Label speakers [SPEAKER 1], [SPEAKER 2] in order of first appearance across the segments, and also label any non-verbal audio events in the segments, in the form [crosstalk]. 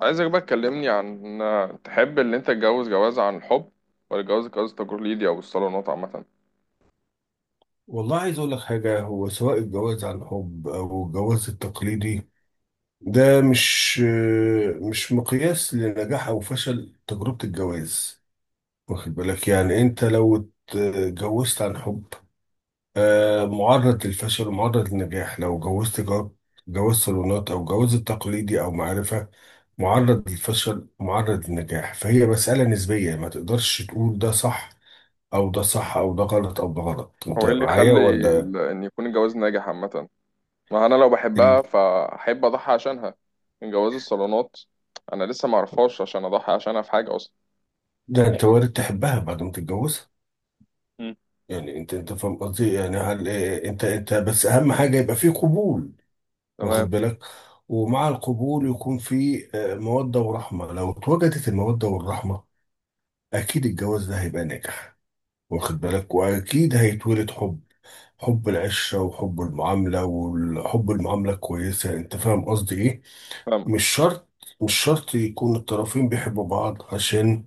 [SPEAKER 1] عايزك بقى تكلمني عن، تحب اللي انت تتجوز جواز عن الحب ولا جواز تقليدي او الصالونات عامة؟
[SPEAKER 2] والله عايز اقول لك حاجه، هو سواء الجواز عن حب او الجواز التقليدي ده مش مقياس لنجاح او فشل تجربه الجواز. واخد بالك؟ يعني انت لو اتجوزت عن حب معرض للفشل ومعرض للنجاح، لو جوزت جواز صالونات او جواز التقليدي او معرفه، معرض للفشل ومعرض للنجاح. فهي مساله نسبيه، ما تقدرش تقول ده صح او ده صح او ده غلط او ده غلط.
[SPEAKER 1] هو
[SPEAKER 2] انت
[SPEAKER 1] ايه اللي
[SPEAKER 2] معايا
[SPEAKER 1] يخلي
[SPEAKER 2] ولا
[SPEAKER 1] ان يكون الجواز ناجح عامة؟ ما انا لو
[SPEAKER 2] إيه؟
[SPEAKER 1] بحبها فاحب اضحي عشانها من جواز الصالونات. انا لسه ما اعرفهاش عشان اضحي عشانها في حاجة اصلا.
[SPEAKER 2] ده انت وارد تحبها بعد ما تتجوزها.
[SPEAKER 1] مم.
[SPEAKER 2] يعني انت فاهم قصدي؟ يعني هل انت بس اهم حاجه يبقى في قبول، واخد
[SPEAKER 1] تمام.
[SPEAKER 2] بالك؟ ومع القبول يكون في موده ورحمه. لو اتوجدت الموده والرحمه اكيد الجواز ده هيبقى ناجح، واخد بالك؟ واكيد هيتولد حب، حب العشره وحب المعامله وحب المعامله الكويسه. انت فاهم قصدي ايه؟
[SPEAKER 1] فاهمك.
[SPEAKER 2] مش شرط، مش شرط يكون الطرفين بيحبوا بعض عشان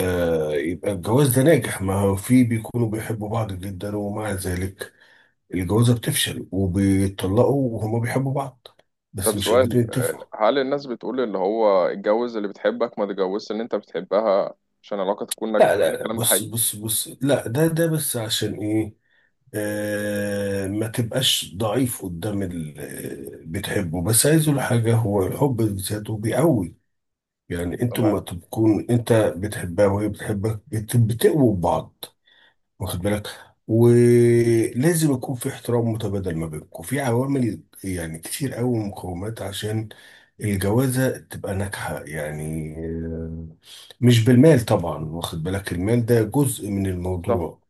[SPEAKER 2] يبقى الجواز ده ناجح. ما هو في بيكونوا بيحبوا بعض جدا ومع ذلك الجوازة بتفشل وبيتطلقوا وهما بيحبوا بعض بس
[SPEAKER 1] طب
[SPEAKER 2] مش
[SPEAKER 1] سؤال،
[SPEAKER 2] قادرين يتفقوا.
[SPEAKER 1] هل الناس بتقول اللي هو اتجوز اللي بتحبك، ما تتجوزش اللي انت بتحبها عشان العلاقة تكون ناجحة،
[SPEAKER 2] لا،
[SPEAKER 1] هل
[SPEAKER 2] لا، لا،
[SPEAKER 1] الكلام ده
[SPEAKER 2] بص
[SPEAKER 1] حقيقي؟
[SPEAKER 2] بص بص، لا ده بس عشان ايه؟ ما تبقاش ضعيف قدام اللي بتحبه. بس عايز اقول حاجة، هو الحب بذاته بيقوي. يعني انتوا
[SPEAKER 1] تمام.
[SPEAKER 2] ما تكون انت بتحبها وهي بتحبك بتقووا بعض، واخد بالك؟
[SPEAKER 1] مم.
[SPEAKER 2] ولازم يكون في احترام متبادل ما بينكم، في عوامل يعني كتير قوي، مقومات عشان الجوازة تبقى ناجحة. مش بالمال طبعا، واخد بالك؟ المال ده جزء من
[SPEAKER 1] صح.
[SPEAKER 2] الموضوع،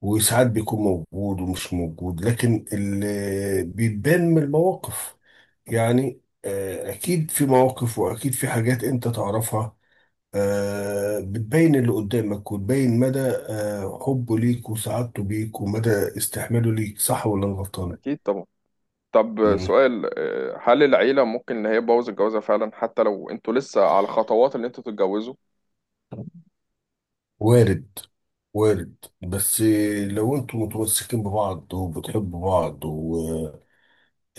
[SPEAKER 2] وساعات بيكون موجود ومش موجود. لكن اللي بيبان من المواقف يعني أكيد في مواقف وأكيد في حاجات أنت تعرفها، بتبين اللي قدامك وتبين مدى حبه ليك وسعادته بيك، ومدى استحماله ليك. صح ولا أنا غلطان؟
[SPEAKER 1] اكيد طبعا. طب
[SPEAKER 2] مم.
[SPEAKER 1] سؤال، هل العيلة ممكن إن هي تبوظ الجوازة فعلا حتى لو أنتوا لسه على خطوات إن أنتوا تتجوزوا؟
[SPEAKER 2] وارد، وارد، بس لو انتوا متمسكين ببعض وبتحبوا بعض و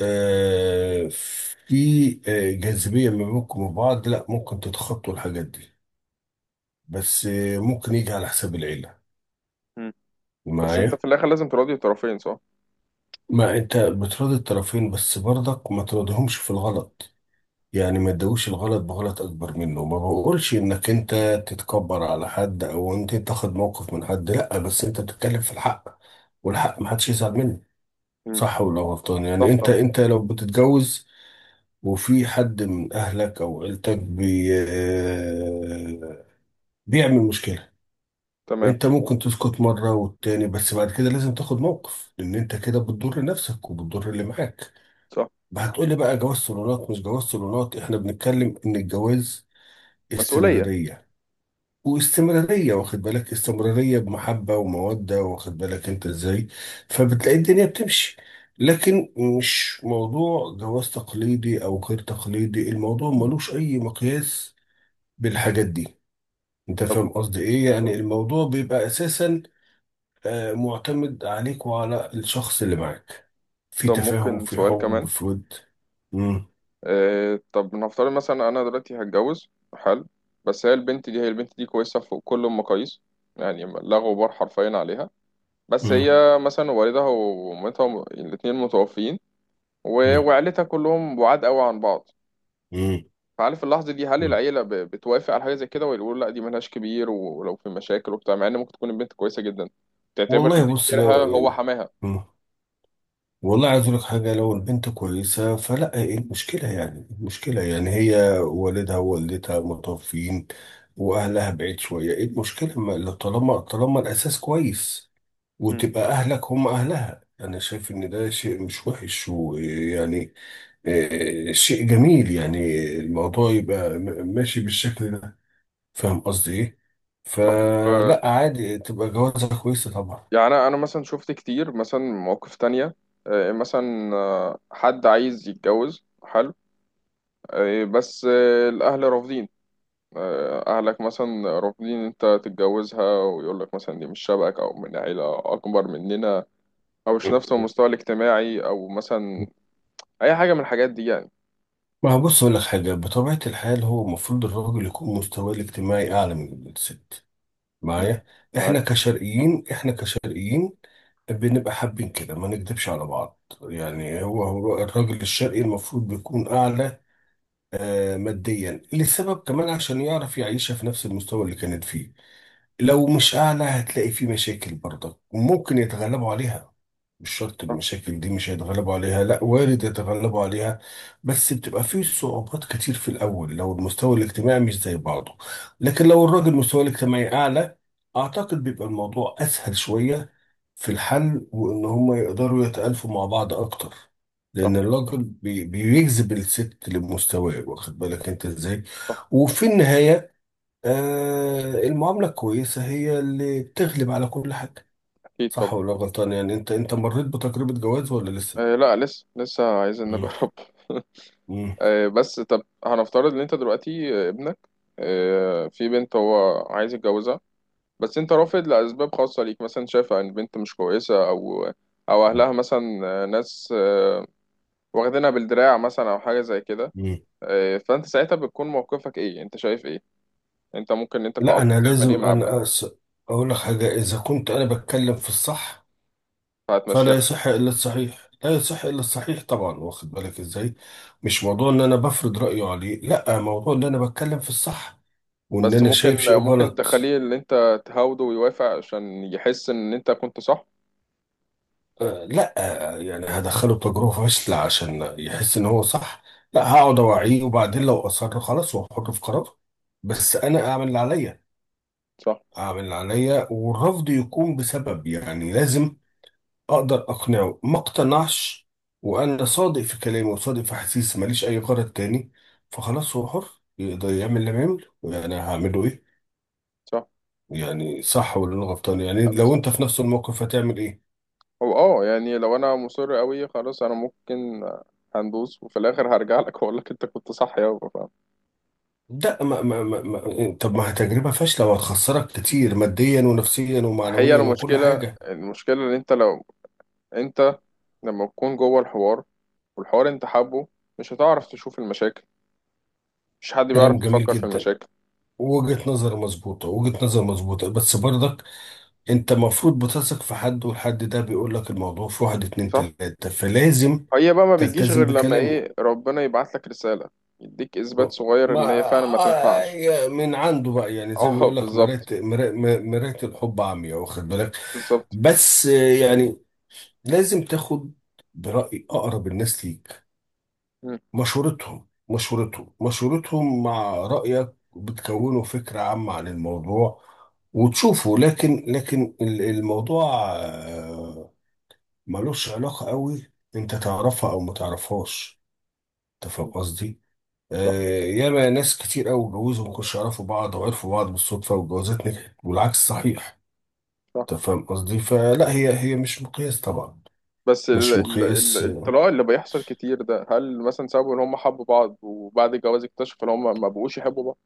[SPEAKER 2] في جاذبية ما بينكم وبعض، لا ممكن تتخطوا الحاجات دي. بس ممكن يجي على حساب العيلة.
[SPEAKER 1] مم. بس أنت
[SPEAKER 2] معايا؟
[SPEAKER 1] في الآخر لازم تراضي الطرفين، صح؟
[SPEAKER 2] ما انت بتراضي الطرفين بس برضك ما تراضيهمش في الغلط. يعني ما تدوش الغلط بغلط اكبر منه. ما بقولش انك انت تتكبر على حد او انت تاخد موقف من حد، لا، بس انت بتتكلم في الحق، والحق ما حدش يزعل منه.
[SPEAKER 1] مم.
[SPEAKER 2] صح ولا غلطان؟ يعني
[SPEAKER 1] صح
[SPEAKER 2] انت
[SPEAKER 1] طبعا.
[SPEAKER 2] انت لو بتتجوز وفي حد من اهلك او عيلتك بي آه، بيعمل مشكلة،
[SPEAKER 1] تمام.
[SPEAKER 2] انت ممكن تسكت مرة والتاني، بس بعد كده لازم تاخد موقف، لان انت كده بتضر نفسك وبتضر اللي معاك.
[SPEAKER 1] صح.
[SPEAKER 2] هتقولي بقى جواز صالونات مش جواز صالونات، احنا بنتكلم ان الجواز
[SPEAKER 1] مسؤولية.
[SPEAKER 2] استمرارية. واستمرارية، واخد بالك؟ استمرارية بمحبة ومودة، واخد بالك انت ازاي؟ فبتلاقي الدنيا بتمشي. لكن مش موضوع جواز تقليدي او غير تقليدي، الموضوع ملوش اي مقياس بالحاجات دي. انت
[SPEAKER 1] طب
[SPEAKER 2] فاهم قصدي ايه؟ يعني
[SPEAKER 1] طب
[SPEAKER 2] الموضوع بيبقى اساسا معتمد عليك وعلى الشخص اللي معاك، في
[SPEAKER 1] طب
[SPEAKER 2] تفاهم،
[SPEAKER 1] ممكن
[SPEAKER 2] في
[SPEAKER 1] سؤال
[SPEAKER 2] حب،
[SPEAKER 1] كمان؟
[SPEAKER 2] في ود. مم.
[SPEAKER 1] طب نفترض مثلا أنا دلوقتي هتجوز. حلو. بس هي البنت دي كويسة في كل المقاييس، يعني لا غبار حرفيا عليها. بس
[SPEAKER 2] مم.
[SPEAKER 1] هي مثلا والدها ومامتها الاتنين متوفيين،
[SPEAKER 2] مم.
[SPEAKER 1] وعيلتها كلهم بعاد قوي عن بعض.
[SPEAKER 2] مم.
[SPEAKER 1] فعارف اللحظة دي، هل
[SPEAKER 2] مم.
[SPEAKER 1] العيلة بتوافق على حاجة زي كده ولا يقولوا لا دي مالهاش كبير، ولو في مشاكل وبتاع، مع ان ممكن تكون البنت كويسة جدا تعتبر ان
[SPEAKER 2] والله بص،
[SPEAKER 1] كبيرها
[SPEAKER 2] لو
[SPEAKER 1] هو
[SPEAKER 2] يعني
[SPEAKER 1] حماها؟
[SPEAKER 2] والله عايز اقول لك حاجه، لو البنت كويسه فلا، ايه المشكله؟ يعني إيه المشكله؟ يعني هي والدها ووالدتها متوفيين واهلها بعيد شويه، ايه المشكله؟ طالما الاساس كويس
[SPEAKER 1] مم.
[SPEAKER 2] وتبقى اهلك هم اهلها. انا شايف ان ده شيء مش وحش، ويعني شيء جميل يعني. الموضوع يبقى ماشي بالشكل ده. فاهم قصدي ايه؟
[SPEAKER 1] طب، آه،
[SPEAKER 2] فلا عادي، تبقى جوازها كويسه طبعا.
[SPEAKER 1] يعني أنا مثلا شفت كتير مثلا مواقف تانية. مثلا حد عايز يتجوز، حلو. بس الاهل رافضين. اهلك مثلا رافضين انت تتجوزها، ويقول لك مثلا دي مش شبهك، او من عيلة اكبر مننا، او مش نفس المستوى الاجتماعي، او مثلا اي حاجة من الحاجات دي يعني.
[SPEAKER 2] ما هو بص، أقول لك حاجة، بطبيعة الحال هو المفروض الراجل يكون مستواه الاجتماعي أعلى من الست.
[SPEAKER 1] مم.
[SPEAKER 2] معايا؟ إحنا
[SPEAKER 1] معاك.
[SPEAKER 2] كشرقيين إحنا كشرقيين بنبقى حابين كده، ما نكدبش على بعض. يعني هو الراجل الشرقي المفروض بيكون أعلى ماديا، لسبب كمان عشان يعرف يعيشها في نفس المستوى اللي كانت فيه. لو مش أعلى هتلاقي في مشاكل برضك، وممكن يتغلبوا عليها. مش شرط
[SPEAKER 1] صح،
[SPEAKER 2] المشاكل دي مش هيتغلبوا عليها، لا وارد يتغلبوا عليها. بس بتبقى فيه صعوبات كتير في الأول لو المستوى الاجتماعي مش زي بعضه. لكن لو الراجل مستواه الاجتماعي أعلى، أعتقد بيبقى الموضوع أسهل شوية في الحل، وإن هم يقدروا يتألفوا مع بعض أكتر.
[SPEAKER 1] صح،
[SPEAKER 2] لأن الراجل بيجذب الست لمستواه، واخد بالك أنت إزاي؟
[SPEAKER 1] صح.
[SPEAKER 2] وفي النهاية المعاملة الكويسة هي اللي بتغلب على كل حاجة.
[SPEAKER 1] اكيد
[SPEAKER 2] صح
[SPEAKER 1] طبعا.
[SPEAKER 2] ولا غلطان؟ يعني انت مريت بتجربة جواز ولا لسه؟
[SPEAKER 1] آه، لا، لسه لسه عايزين
[SPEAKER 2] مم.
[SPEAKER 1] نجرب. [laughs]
[SPEAKER 2] مم.
[SPEAKER 1] بس طب هنفترض ان انت دلوقتي، ابنك في بنت هو عايز يتجوزها، بس انت رافض لاسباب خاصه ليك، مثلا شايف ان البنت مش كويسه، او اهلها مثلا ناس واخدينها بالدراع مثلا او حاجه زي كده.
[SPEAKER 2] مم.
[SPEAKER 1] فانت ساعتها بتكون موقفك ايه، انت شايف ايه؟ انت ممكن انت كأب
[SPEAKER 2] لا، انا
[SPEAKER 1] تعمل ايه
[SPEAKER 2] لازم،
[SPEAKER 1] مع ابنك؟
[SPEAKER 2] اقول لك حاجة، اذا كنت انا بتكلم في الصح
[SPEAKER 1] هتمشيها؟
[SPEAKER 2] فلا يصح الا الصحيح، لا يصح الا الصحيح طبعا. واخد بالك ازاي؟ مش موضوع ان انا بفرض رأيي عليه، لا، موضوع ان انا بتكلم في الصح وان
[SPEAKER 1] بس
[SPEAKER 2] انا شايف
[SPEAKER 1] ممكن
[SPEAKER 2] شيء
[SPEAKER 1] ممكن
[SPEAKER 2] غلط.
[SPEAKER 1] تخليه اللي انت تهاوده ويوافق عشان يحس ان انت كنت صح.
[SPEAKER 2] لا، يعني هدخله تجربة فاشلة عشان يحس ان هو صح؟ لا، هقعد اوعيه، وبعدين لو اصر خلاص واحطه في قرار، بس انا اعمل اللي عليا.
[SPEAKER 1] صح،
[SPEAKER 2] اعمل اللي عليا والرفض يكون بسبب، يعني لازم اقدر اقنعه، ما اقتنعش، وانا صادق في كلامي وصادق في احاسيسي، ماليش اي غرض تاني. فخلاص هو حر، يقدر يعمل اللي يعمله، يعني هعمله ايه؟
[SPEAKER 1] صح.
[SPEAKER 2] يعني صح ولا انا غلطان؟ يعني
[SPEAKER 1] لا، لا،
[SPEAKER 2] لو انت
[SPEAKER 1] صح.
[SPEAKER 2] في نفس الموقف هتعمل ايه؟
[SPEAKER 1] هو يعني لو انا مصر قوي خلاص، انا ممكن هندوس، وفي الاخر هرجع لك واقول لك انت كنت صح يابا، فاهم؟
[SPEAKER 2] ده طب ما هي تجربة فاشلة وهتخسرك كتير ماديا ونفسيا
[SPEAKER 1] هي
[SPEAKER 2] ومعنويا وكل
[SPEAKER 1] المشكله،
[SPEAKER 2] حاجة.
[SPEAKER 1] ان انت لو انت لما تكون جوه الحوار، والحوار انت حابه، مش هتعرف تشوف المشاكل، مش حد
[SPEAKER 2] كلام
[SPEAKER 1] بيعرف
[SPEAKER 2] جميل
[SPEAKER 1] يفكر في
[SPEAKER 2] جدا،
[SPEAKER 1] المشاكل.
[SPEAKER 2] وجهة نظر مظبوطة، وجهة نظر مظبوطة، بس برضك انت المفروض بتثق في حد، والحد ده بيقول لك الموضوع في واحد اتنين
[SPEAKER 1] صح.
[SPEAKER 2] تلاتة، فلازم
[SPEAKER 1] هي بقى ما بتجيش
[SPEAKER 2] تلتزم
[SPEAKER 1] غير لما
[SPEAKER 2] بكلامه.
[SPEAKER 1] ايه، ربنا يبعت لك رساله، يديك اثبات صغير
[SPEAKER 2] ما
[SPEAKER 1] ان هي فعلا ما تنفعش.
[SPEAKER 2] من عنده بقى، يعني زي ما
[SPEAKER 1] اه،
[SPEAKER 2] بيقول لك
[SPEAKER 1] بالظبط.
[SPEAKER 2] مرات الحب عمياء، واخد بالك؟
[SPEAKER 1] بالظبط.
[SPEAKER 2] بس يعني لازم تاخد برأي أقرب الناس ليك،
[SPEAKER 1] مم.
[SPEAKER 2] مشورتهم، مشورتهم، مشورتهم مع رأيك، بتكونوا فكرة عامة عن الموضوع وتشوفوا. لكن الموضوع ملوش علاقة قوي انت تعرفها او ما تعرفهاش. انت فاهم
[SPEAKER 1] مم.
[SPEAKER 2] قصدي؟
[SPEAKER 1] صح،
[SPEAKER 2] ياما ناس كتير قوي اتجوزوا ما كانوش يعرفوا بعض، وعرفوا بعض بالصدفة والجوازات نجحت، والعكس صحيح.
[SPEAKER 1] صح.
[SPEAKER 2] انت فاهم قصدي؟ فلا هي مش مقياس طبعا.
[SPEAKER 1] بس ال
[SPEAKER 2] مش
[SPEAKER 1] ال
[SPEAKER 2] مقياس،
[SPEAKER 1] ال الطلاق اللي بيحصل كتير ده، هل مثلا سببه ان هم حبوا بعض وبعد الجواز اكتشفوا ان هم ما بقوش يحبوا بعض؟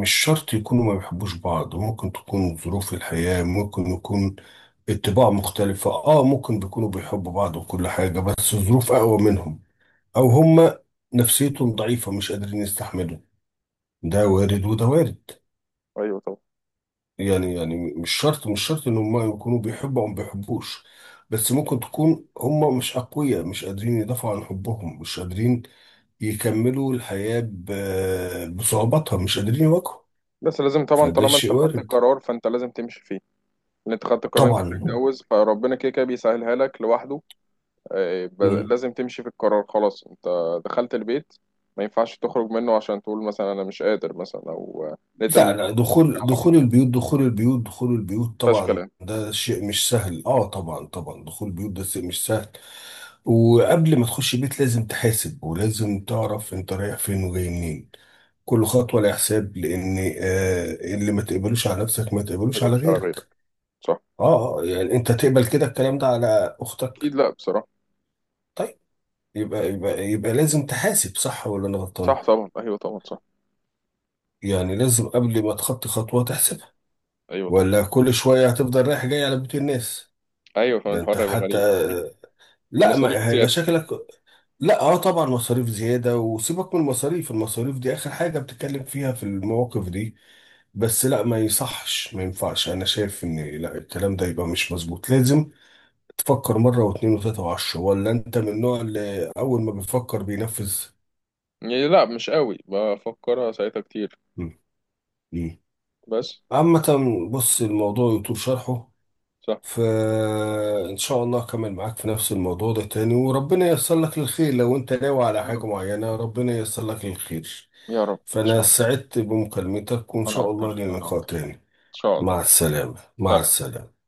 [SPEAKER 2] مش شرط يكونوا ما بيحبوش بعض، ممكن تكون ظروف الحياة، ممكن يكون الطباع مختلفة، ممكن بيكونوا بيحبوا بعض وكل حاجة بس الظروف أقوى منهم، أو
[SPEAKER 1] مم.
[SPEAKER 2] هما نفسيتهم ضعيفة مش قادرين يستحملوا. ده وارد وده وارد.
[SPEAKER 1] ايوه طبعا.
[SPEAKER 2] يعني مش شرط، مش شرط إن هما يكونوا بيحبوا أو ما بيحبوش، بس ممكن تكون هما مش أقوياء، مش قادرين يدافعوا عن حبهم، مش قادرين يكملوا الحياة بصعوباتها، مش قادرين يواجهوا.
[SPEAKER 1] بس لازم طبعا
[SPEAKER 2] فده
[SPEAKER 1] طالما
[SPEAKER 2] شيء
[SPEAKER 1] انت خدت
[SPEAKER 2] وارد.
[SPEAKER 1] القرار، فانت لازم تمشي فيه. ان انت خدت القرار إن انت
[SPEAKER 2] طبعا.
[SPEAKER 1] تتجوز، فربنا كده كده بيسهلها لك لوحده.
[SPEAKER 2] مم.
[SPEAKER 1] لازم تمشي في القرار. خلاص، انت دخلت البيت، ما ينفعش تخرج منه عشان تقول مثلا انا مش قادر، مثلا، او لقيت
[SPEAKER 2] لا،
[SPEAKER 1] الموضوع
[SPEAKER 2] لا،
[SPEAKER 1] كبير
[SPEAKER 2] دخول،
[SPEAKER 1] على.
[SPEAKER 2] دخول البيوت، دخول البيوت، دخول البيوت
[SPEAKER 1] فشكل
[SPEAKER 2] طبعا
[SPEAKER 1] ما
[SPEAKER 2] ده شيء مش سهل، اه طبعا، طبعا دخول البيوت ده شيء مش سهل. وقبل ما تخش بيت لازم تحاسب، ولازم تعرف انت رايح فين وجاي منين. كل خطوة لها حساب، لان اللي ما تقبلوش على نفسك ما تقبلوش على
[SPEAKER 1] تكبرش على غيرك.
[SPEAKER 2] غيرك.
[SPEAKER 1] صح.
[SPEAKER 2] يعني انت تقبل كده الكلام ده على اختك؟
[SPEAKER 1] اكيد، لا بصراحة.
[SPEAKER 2] طيب. يبقى لازم تحاسب. صح ولا انا غلطان؟
[SPEAKER 1] صح طبعا. ايوه طبعا. صح.
[SPEAKER 2] يعني لازم قبل ما تخطي خطوة تحسب،
[SPEAKER 1] ايوه طبعا.
[SPEAKER 2] ولا كل شوية هتفضل رايح جاي على بيوت الناس.
[SPEAKER 1] ايوه، كمان
[SPEAKER 2] ده انت
[SPEAKER 1] الحوار هيبقى
[SPEAKER 2] حتى،
[SPEAKER 1] غريب.
[SPEAKER 2] لا،
[SPEAKER 1] المصاريف
[SPEAKER 2] ما هيبقى
[SPEAKER 1] زيادة.
[SPEAKER 2] شكلك. لا، طبعا مصاريف زيادة، وسيبك من المصاريف، المصاريف دي اخر حاجة بتتكلم فيها في المواقف دي. بس لا، ما يصحش ما ينفعش، انا شايف ان لا، الكلام ده يبقى مش مظبوط، لازم تفكر مرة واثنين وثلاثة وعشرة. ولا انت من النوع اللي اول ما بيفكر بينفذ؟
[SPEAKER 1] يعني لا، مش قوي بفكرها ساعتها كتير.
[SPEAKER 2] مم. مم.
[SPEAKER 1] بس.
[SPEAKER 2] عامة، بص، الموضوع يطول شرحه.
[SPEAKER 1] صح.
[SPEAKER 2] فإن شاء الله أكمل معاك في نفس الموضوع ده تاني، وربنا ييسر لك الخير لو أنت ناوي على
[SPEAKER 1] يا رب.
[SPEAKER 2] حاجة معينة. ربنا ييسر لك الخير.
[SPEAKER 1] يا رب ان
[SPEAKER 2] فأنا
[SPEAKER 1] شاء الله.
[SPEAKER 2] سعدت بمكالمتك، وإن
[SPEAKER 1] انا
[SPEAKER 2] شاء الله
[SPEAKER 1] اكتر،
[SPEAKER 2] لنا
[SPEAKER 1] انا
[SPEAKER 2] لقاء
[SPEAKER 1] اكتر.
[SPEAKER 2] تاني.
[SPEAKER 1] ان شاء
[SPEAKER 2] مع
[SPEAKER 1] الله.
[SPEAKER 2] السلامة، مع
[SPEAKER 1] سلام.
[SPEAKER 2] السلامة.